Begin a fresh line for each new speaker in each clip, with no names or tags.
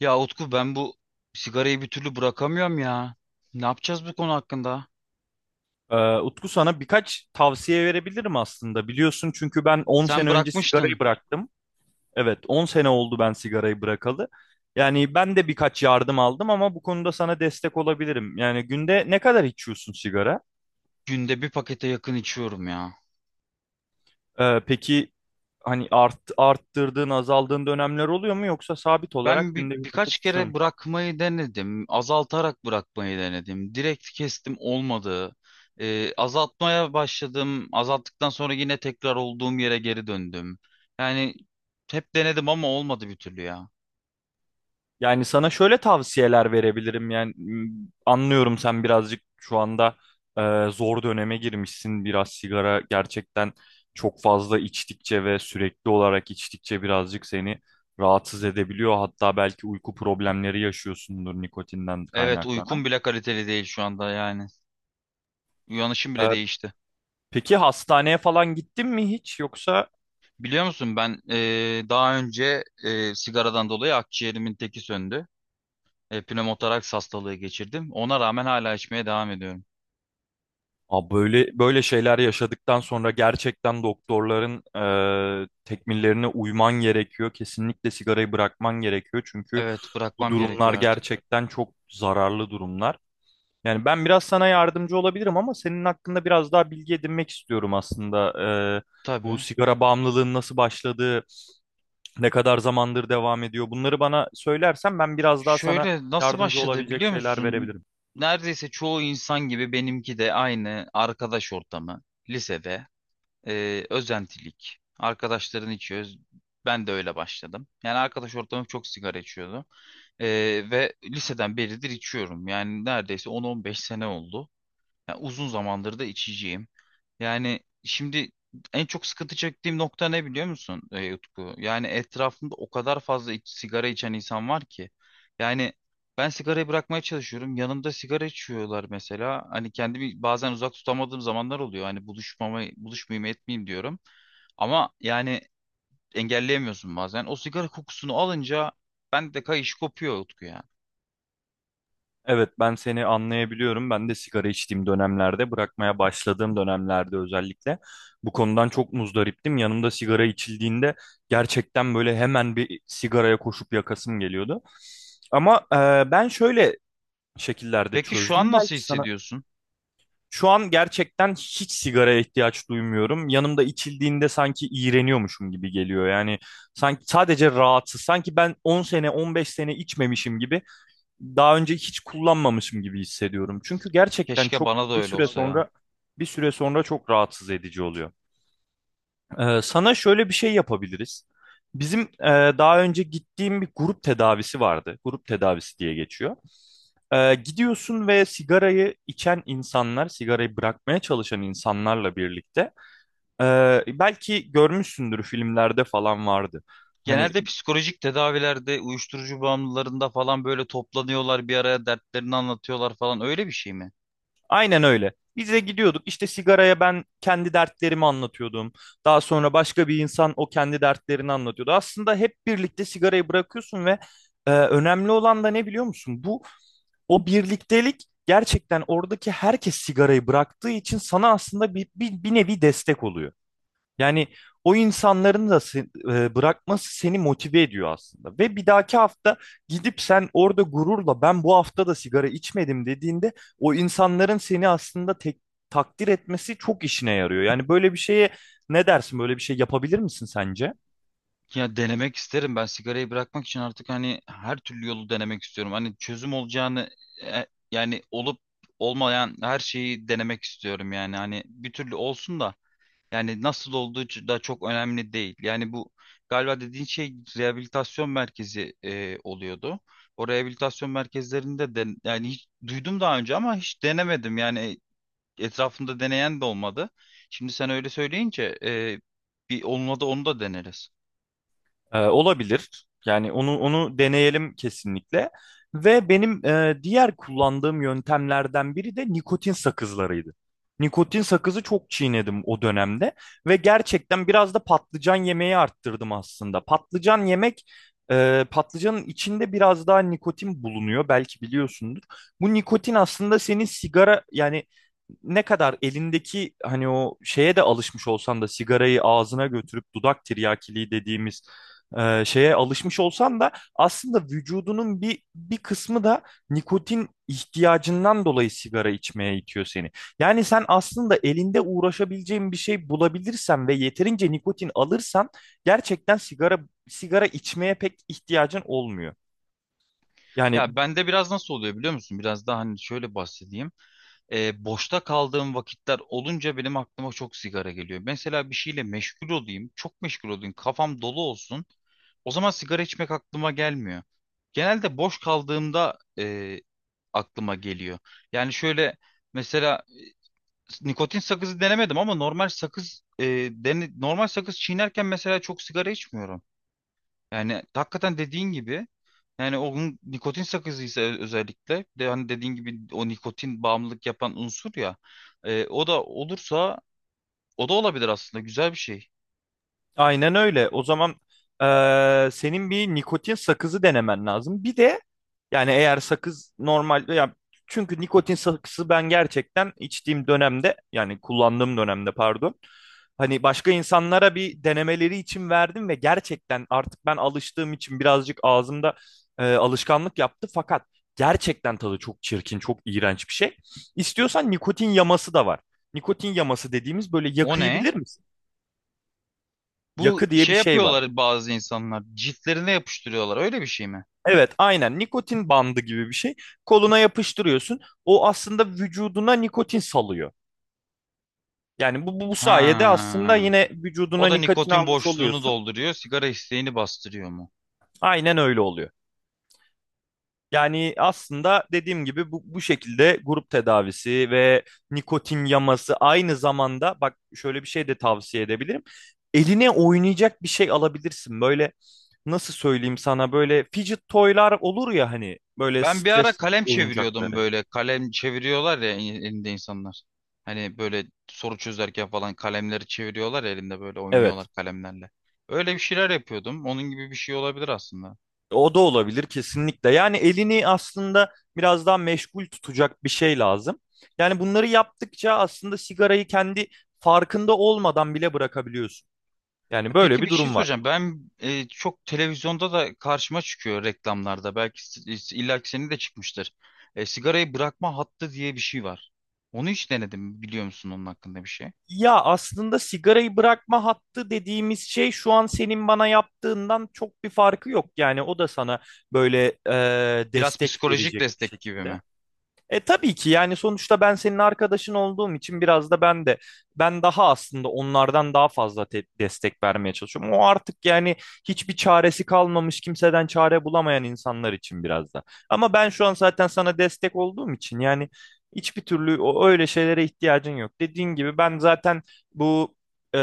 Ya Utku ben bu sigarayı bir türlü bırakamıyorum ya. Ne yapacağız bu konu hakkında?
Utku sana birkaç tavsiye verebilirim aslında. Biliyorsun çünkü ben 10
Sen
sene önce sigarayı
bırakmıştın.
bıraktım. Evet, 10 sene oldu ben sigarayı bırakalı. Yani ben de birkaç yardım aldım ama bu konuda sana destek olabilirim. Yani günde ne kadar içiyorsun sigara?
Günde bir pakete yakın içiyorum ya.
Peki hani arttırdığın, azaldığın dönemler oluyor mu yoksa sabit
Ben
olarak günde bir
birkaç
paket içiyor.
kere bırakmayı denedim. Azaltarak bırakmayı denedim. Direkt kestim olmadı. Azaltmaya başladım. Azalttıktan sonra yine tekrar olduğum yere geri döndüm. Yani hep denedim ama olmadı bir türlü ya.
Yani sana şöyle tavsiyeler verebilirim. Anlıyorum, sen birazcık şu anda zor döneme girmişsin. Biraz sigara gerçekten çok fazla içtikçe ve sürekli olarak içtikçe birazcık seni rahatsız edebiliyor. Hatta belki uyku problemleri yaşıyorsundur nikotinden
Evet, uykum
kaynaklanan.
bile kaliteli değil şu anda yani. Uyanışım bile
E,
değişti.
peki hastaneye falan gittin mi hiç yoksa?
Biliyor musun ben daha önce sigaradan dolayı akciğerimin teki söndü. Pnömotoraks hastalığı geçirdim. Ona rağmen hala içmeye devam ediyorum.
Abi böyle böyle şeyler yaşadıktan sonra gerçekten doktorların tekmillerine uyman gerekiyor. Kesinlikle sigarayı bırakman gerekiyor. Çünkü
Evet,
bu
bırakmam
durumlar
gerekiyor artık.
gerçekten çok zararlı durumlar. Yani ben biraz sana yardımcı olabilirim ama senin hakkında biraz daha bilgi edinmek istiyorum aslında. Bu
Tabii.
sigara bağımlılığın nasıl başladığı, ne kadar zamandır devam ediyor. Bunları bana söylersen ben biraz daha sana
Şöyle nasıl
yardımcı
başladı
olabilecek
biliyor
şeyler
musun?
verebilirim.
Neredeyse çoğu insan gibi benimki de aynı arkadaş ortamı. Lisede özentilik. Arkadaşların içiyoruz. Ben de öyle başladım. Yani arkadaş ortamım çok sigara içiyordu. Ve liseden beridir içiyorum. Yani neredeyse 10-15 sene oldu. Ya uzun zamandır da içiciyim. Yani şimdi en çok sıkıntı çektiğim nokta ne biliyor musun Utku? Yani etrafımda o kadar fazla sigara içen insan var ki. Yani ben sigarayı bırakmaya çalışıyorum. Yanımda sigara içiyorlar mesela. Hani kendimi bazen uzak tutamadığım zamanlar oluyor. Hani buluşmayayım etmeyeyim diyorum. Ama yani engelleyemiyorsun bazen. O sigara kokusunu alınca bende de kayış kopuyor Utku ya.
Evet, ben seni anlayabiliyorum. Ben de sigara içtiğim dönemlerde, bırakmaya başladığım dönemlerde özellikle bu konudan çok muzdariptim. Yanımda sigara içildiğinde gerçekten böyle hemen bir sigaraya koşup yakasım geliyordu. Ama ben şöyle şekillerde
Peki şu
çözdüm.
an nasıl
Belki sana.
hissediyorsun?
Şu an gerçekten hiç sigaraya ihtiyaç duymuyorum. Yanımda içildiğinde sanki iğreniyormuşum gibi geliyor. Yani sanki sadece rahatsız. Sanki ben 10 sene, 15 sene içmemişim gibi, daha önce hiç kullanmamışım gibi hissediyorum. Çünkü gerçekten
Keşke
çok
bana da
bir
öyle
süre
olsa ya.
sonra, bir süre sonra çok rahatsız edici oluyor. Sana şöyle bir şey yapabiliriz. Bizim daha önce gittiğim bir grup tedavisi vardı. Grup tedavisi diye geçiyor. Gidiyorsun ve sigarayı içen insanlar, sigarayı bırakmaya çalışan insanlarla birlikte e, belki görmüşsündür, filmlerde falan vardı. Hani
Genelde psikolojik tedavilerde, uyuşturucu bağımlılarında falan böyle toplanıyorlar bir araya, dertlerini anlatıyorlar falan, öyle bir şey mi?
aynen öyle. Biz de gidiyorduk. İşte sigaraya ben kendi dertlerimi anlatıyordum. Daha sonra başka bir insan o kendi dertlerini anlatıyordu. Aslında hep birlikte sigarayı bırakıyorsun ve önemli olan da ne biliyor musun? Bu o birliktelik, gerçekten oradaki herkes sigarayı bıraktığı için sana aslında bir nevi destek oluyor. Yani o insanların da bırakması seni motive ediyor aslında. Ve bir dahaki hafta gidip sen orada gururla ben bu hafta da sigara içmedim dediğinde o insanların seni aslında takdir etmesi çok işine yarıyor. Yani böyle bir şeye ne dersin? Böyle bir şey yapabilir misin sence?
Ya denemek isterim, ben sigarayı bırakmak için artık hani her türlü yolu denemek istiyorum. Hani çözüm olacağını e, yani olup olmayan her şeyi denemek istiyorum yani, hani bir türlü olsun da. Yani nasıl olduğu da çok önemli değil. Yani bu galiba dediğin şey rehabilitasyon merkezi oluyordu. O rehabilitasyon merkezlerinde de yani, hiç duydum daha önce ama hiç denemedim. Yani etrafımda deneyen de olmadı. Şimdi sen öyle söyleyince bir onunla da onu da deneriz.
Olabilir. Yani onu deneyelim kesinlikle. Ve benim diğer kullandığım yöntemlerden biri de nikotin sakızlarıydı. Nikotin sakızı çok çiğnedim o dönemde ve gerçekten biraz da patlıcan yemeği arttırdım aslında. Patlıcanın içinde biraz daha nikotin bulunuyor, belki biliyorsundur. Bu nikotin aslında senin sigara, yani ne kadar elindeki hani o şeye de alışmış olsan da, sigarayı ağzına götürüp dudak tiryakiliği dediğimiz şeye alışmış olsan da aslında vücudunun bir kısmı da nikotin ihtiyacından dolayı sigara içmeye itiyor seni. Yani sen aslında elinde uğraşabileceğin bir şey bulabilirsen ve yeterince nikotin alırsan gerçekten sigara içmeye pek ihtiyacın olmuyor.
Ya
Yani
bende biraz nasıl oluyor biliyor musun? Biraz daha hani şöyle bahsedeyim. Boşta kaldığım vakitler olunca benim aklıma çok sigara geliyor. Mesela bir şeyle meşgul olayım, çok meşgul olayım, kafam dolu olsun. O zaman sigara içmek aklıma gelmiyor. Genelde boş kaldığımda aklıma geliyor. Yani şöyle, mesela nikotin sakızı denemedim ama normal sakız normal sakız çiğnerken mesela çok sigara içmiyorum. Yani hakikaten dediğin gibi, yani onun nikotin sakızıysa özellikle, bir de hani dediğin gibi o nikotin bağımlılık yapan unsur ya, o da olursa o da olabilir aslında, güzel bir şey.
aynen öyle. O zaman senin bir nikotin sakızı denemen lazım. Bir de yani eğer sakız normal, ya çünkü nikotin sakızı ben gerçekten içtiğim dönemde, yani kullandığım dönemde pardon, hani başka insanlara bir denemeleri için verdim ve gerçekten artık ben alıştığım için birazcık ağzımda alışkanlık yaptı, fakat gerçekten tadı çok çirkin, çok iğrenç bir şey. İstiyorsan nikotin yaması da var. Nikotin yaması dediğimiz böyle
O
yakıyı
ne?
bilir misin?
Bu
Yakı diye bir
şey
şey var.
yapıyorlar bazı insanlar, ciltlerine yapıştırıyorlar, öyle bir şey mi?
Evet, aynen nikotin bandı gibi bir şey. Koluna yapıştırıyorsun. O aslında vücuduna nikotin salıyor. Yani bu sayede aslında
Ha.
yine vücuduna
O da
nikotin
nikotin
almış
boşluğunu
oluyorsun.
dolduruyor, sigara isteğini bastırıyor.
Aynen öyle oluyor. Yani aslında dediğim gibi bu şekilde grup tedavisi ve nikotin yaması, aynı zamanda bak şöyle bir şey de tavsiye edebilirim. Eline oynayacak bir şey alabilirsin. Böyle nasıl söyleyeyim sana, böyle fidget toylar olur ya, hani böyle
Ben bir ara
stres
kalem çeviriyordum
oyuncakları.
böyle. Kalem çeviriyorlar ya, elinde insanlar. Hani böyle soru çözerken falan kalemleri çeviriyorlar ya, elinde böyle oynuyorlar
Evet.
kalemlerle. Öyle bir şeyler yapıyordum. Onun gibi bir şey olabilir aslında.
O da olabilir kesinlikle. Yani elini aslında biraz daha meşgul tutacak bir şey lazım. Yani bunları yaptıkça aslında sigarayı kendi farkında olmadan bile bırakabiliyorsun. Yani böyle
Peki,
bir
bir şey
durum var.
soracağım. Ben çok televizyonda da karşıma çıkıyor reklamlarda. Belki illa ki senin de çıkmıştır. Sigarayı bırakma hattı diye bir şey var. Onu hiç denedim mi? Biliyor musun onun hakkında bir şey?
Ya aslında sigarayı bırakma hattı dediğimiz şey, şu an senin bana yaptığından çok bir farkı yok. Yani o da sana böyle
Biraz
destek
psikolojik
verecek bir
destek gibi
şekilde.
mi?
E tabii ki, yani sonuçta ben senin arkadaşın olduğum için biraz da ben de ben daha aslında onlardan daha fazla destek vermeye çalışıyorum. O artık yani hiçbir çaresi kalmamış, kimseden çare bulamayan insanlar için biraz da. Ama ben şu an zaten sana destek olduğum için yani hiçbir türlü o öyle şeylere ihtiyacın yok. Dediğin gibi ben zaten bu e,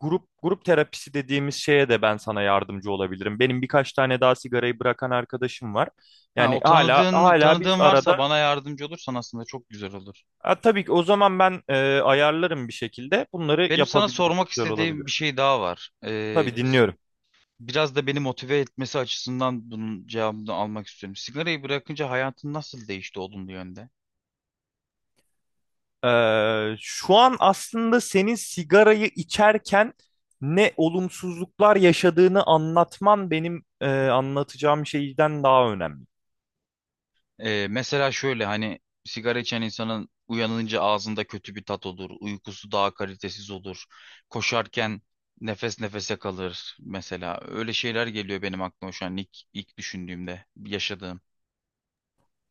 grup terapisi dediğimiz şeye de ben sana yardımcı olabilirim. Benim birkaç tane daha sigarayı bırakan arkadaşım var.
Ha,
Yani
o
hala
tanıdığın
hala biz
tanıdığın varsa
arada.
bana yardımcı olursan aslında çok güzel olur.
Ha, tabii ki, o zaman ben ayarlarım bir şekilde. Bunları
Benim sana
yapabiliriz.
sormak
Güzel
istediğim bir
olabilir.
şey daha var.
Tabii, dinliyorum.
Biraz da beni motive etmesi açısından bunun cevabını almak istiyorum. Sigarayı bırakınca hayatın nasıl değişti olumlu yönde?
Şu an aslında senin sigarayı içerken ne olumsuzluklar yaşadığını anlatman benim anlatacağım şeyden daha önemli.
Mesela şöyle, hani sigara içen insanın uyanınca ağzında kötü bir tat olur, uykusu daha kalitesiz olur, koşarken nefes nefese kalır mesela. Öyle şeyler geliyor benim aklıma şu an, ilk düşündüğümde yaşadığım.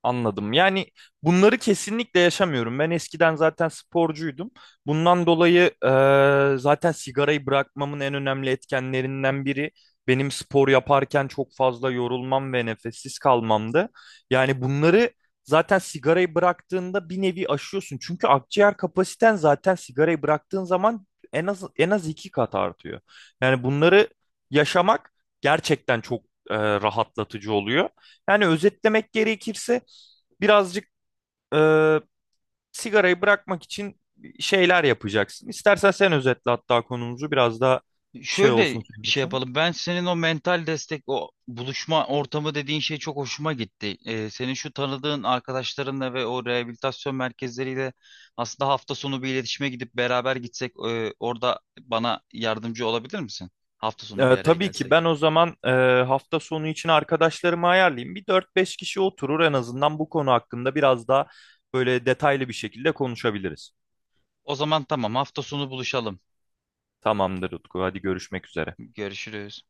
Anladım. Yani bunları kesinlikle yaşamıyorum. Ben eskiden zaten sporcuydum. Bundan dolayı zaten sigarayı bırakmamın en önemli etkenlerinden biri benim spor yaparken çok fazla yorulmam ve nefessiz kalmamdı. Yani bunları zaten sigarayı bıraktığında bir nevi aşıyorsun. Çünkü akciğer kapasiten zaten sigarayı bıraktığın zaman en az iki kat artıyor. Yani bunları yaşamak gerçekten çok rahatlatıcı oluyor. Yani özetlemek gerekirse birazcık e, sigarayı bırakmak için şeyler yapacaksın. İstersen sen özetle, hatta konumuzu biraz daha şey
Şöyle
olsun senin
şey
için.
yapalım. Ben senin o mental destek, o buluşma ortamı dediğin şey çok hoşuma gitti. Senin şu tanıdığın arkadaşlarınla ve o rehabilitasyon merkezleriyle aslında hafta sonu bir iletişime gidip beraber gitsek, orada bana yardımcı olabilir misin? Hafta sonu bir araya
Tabii ki,
gelsek.
ben o zaman hafta sonu için arkadaşlarımı ayarlayayım. Bir dört beş kişi oturur en azından, bu konu hakkında biraz daha böyle detaylı bir şekilde konuşabiliriz.
O zaman tamam, hafta sonu buluşalım.
Tamamdır Utku, hadi görüşmek üzere.
Görüşürüz.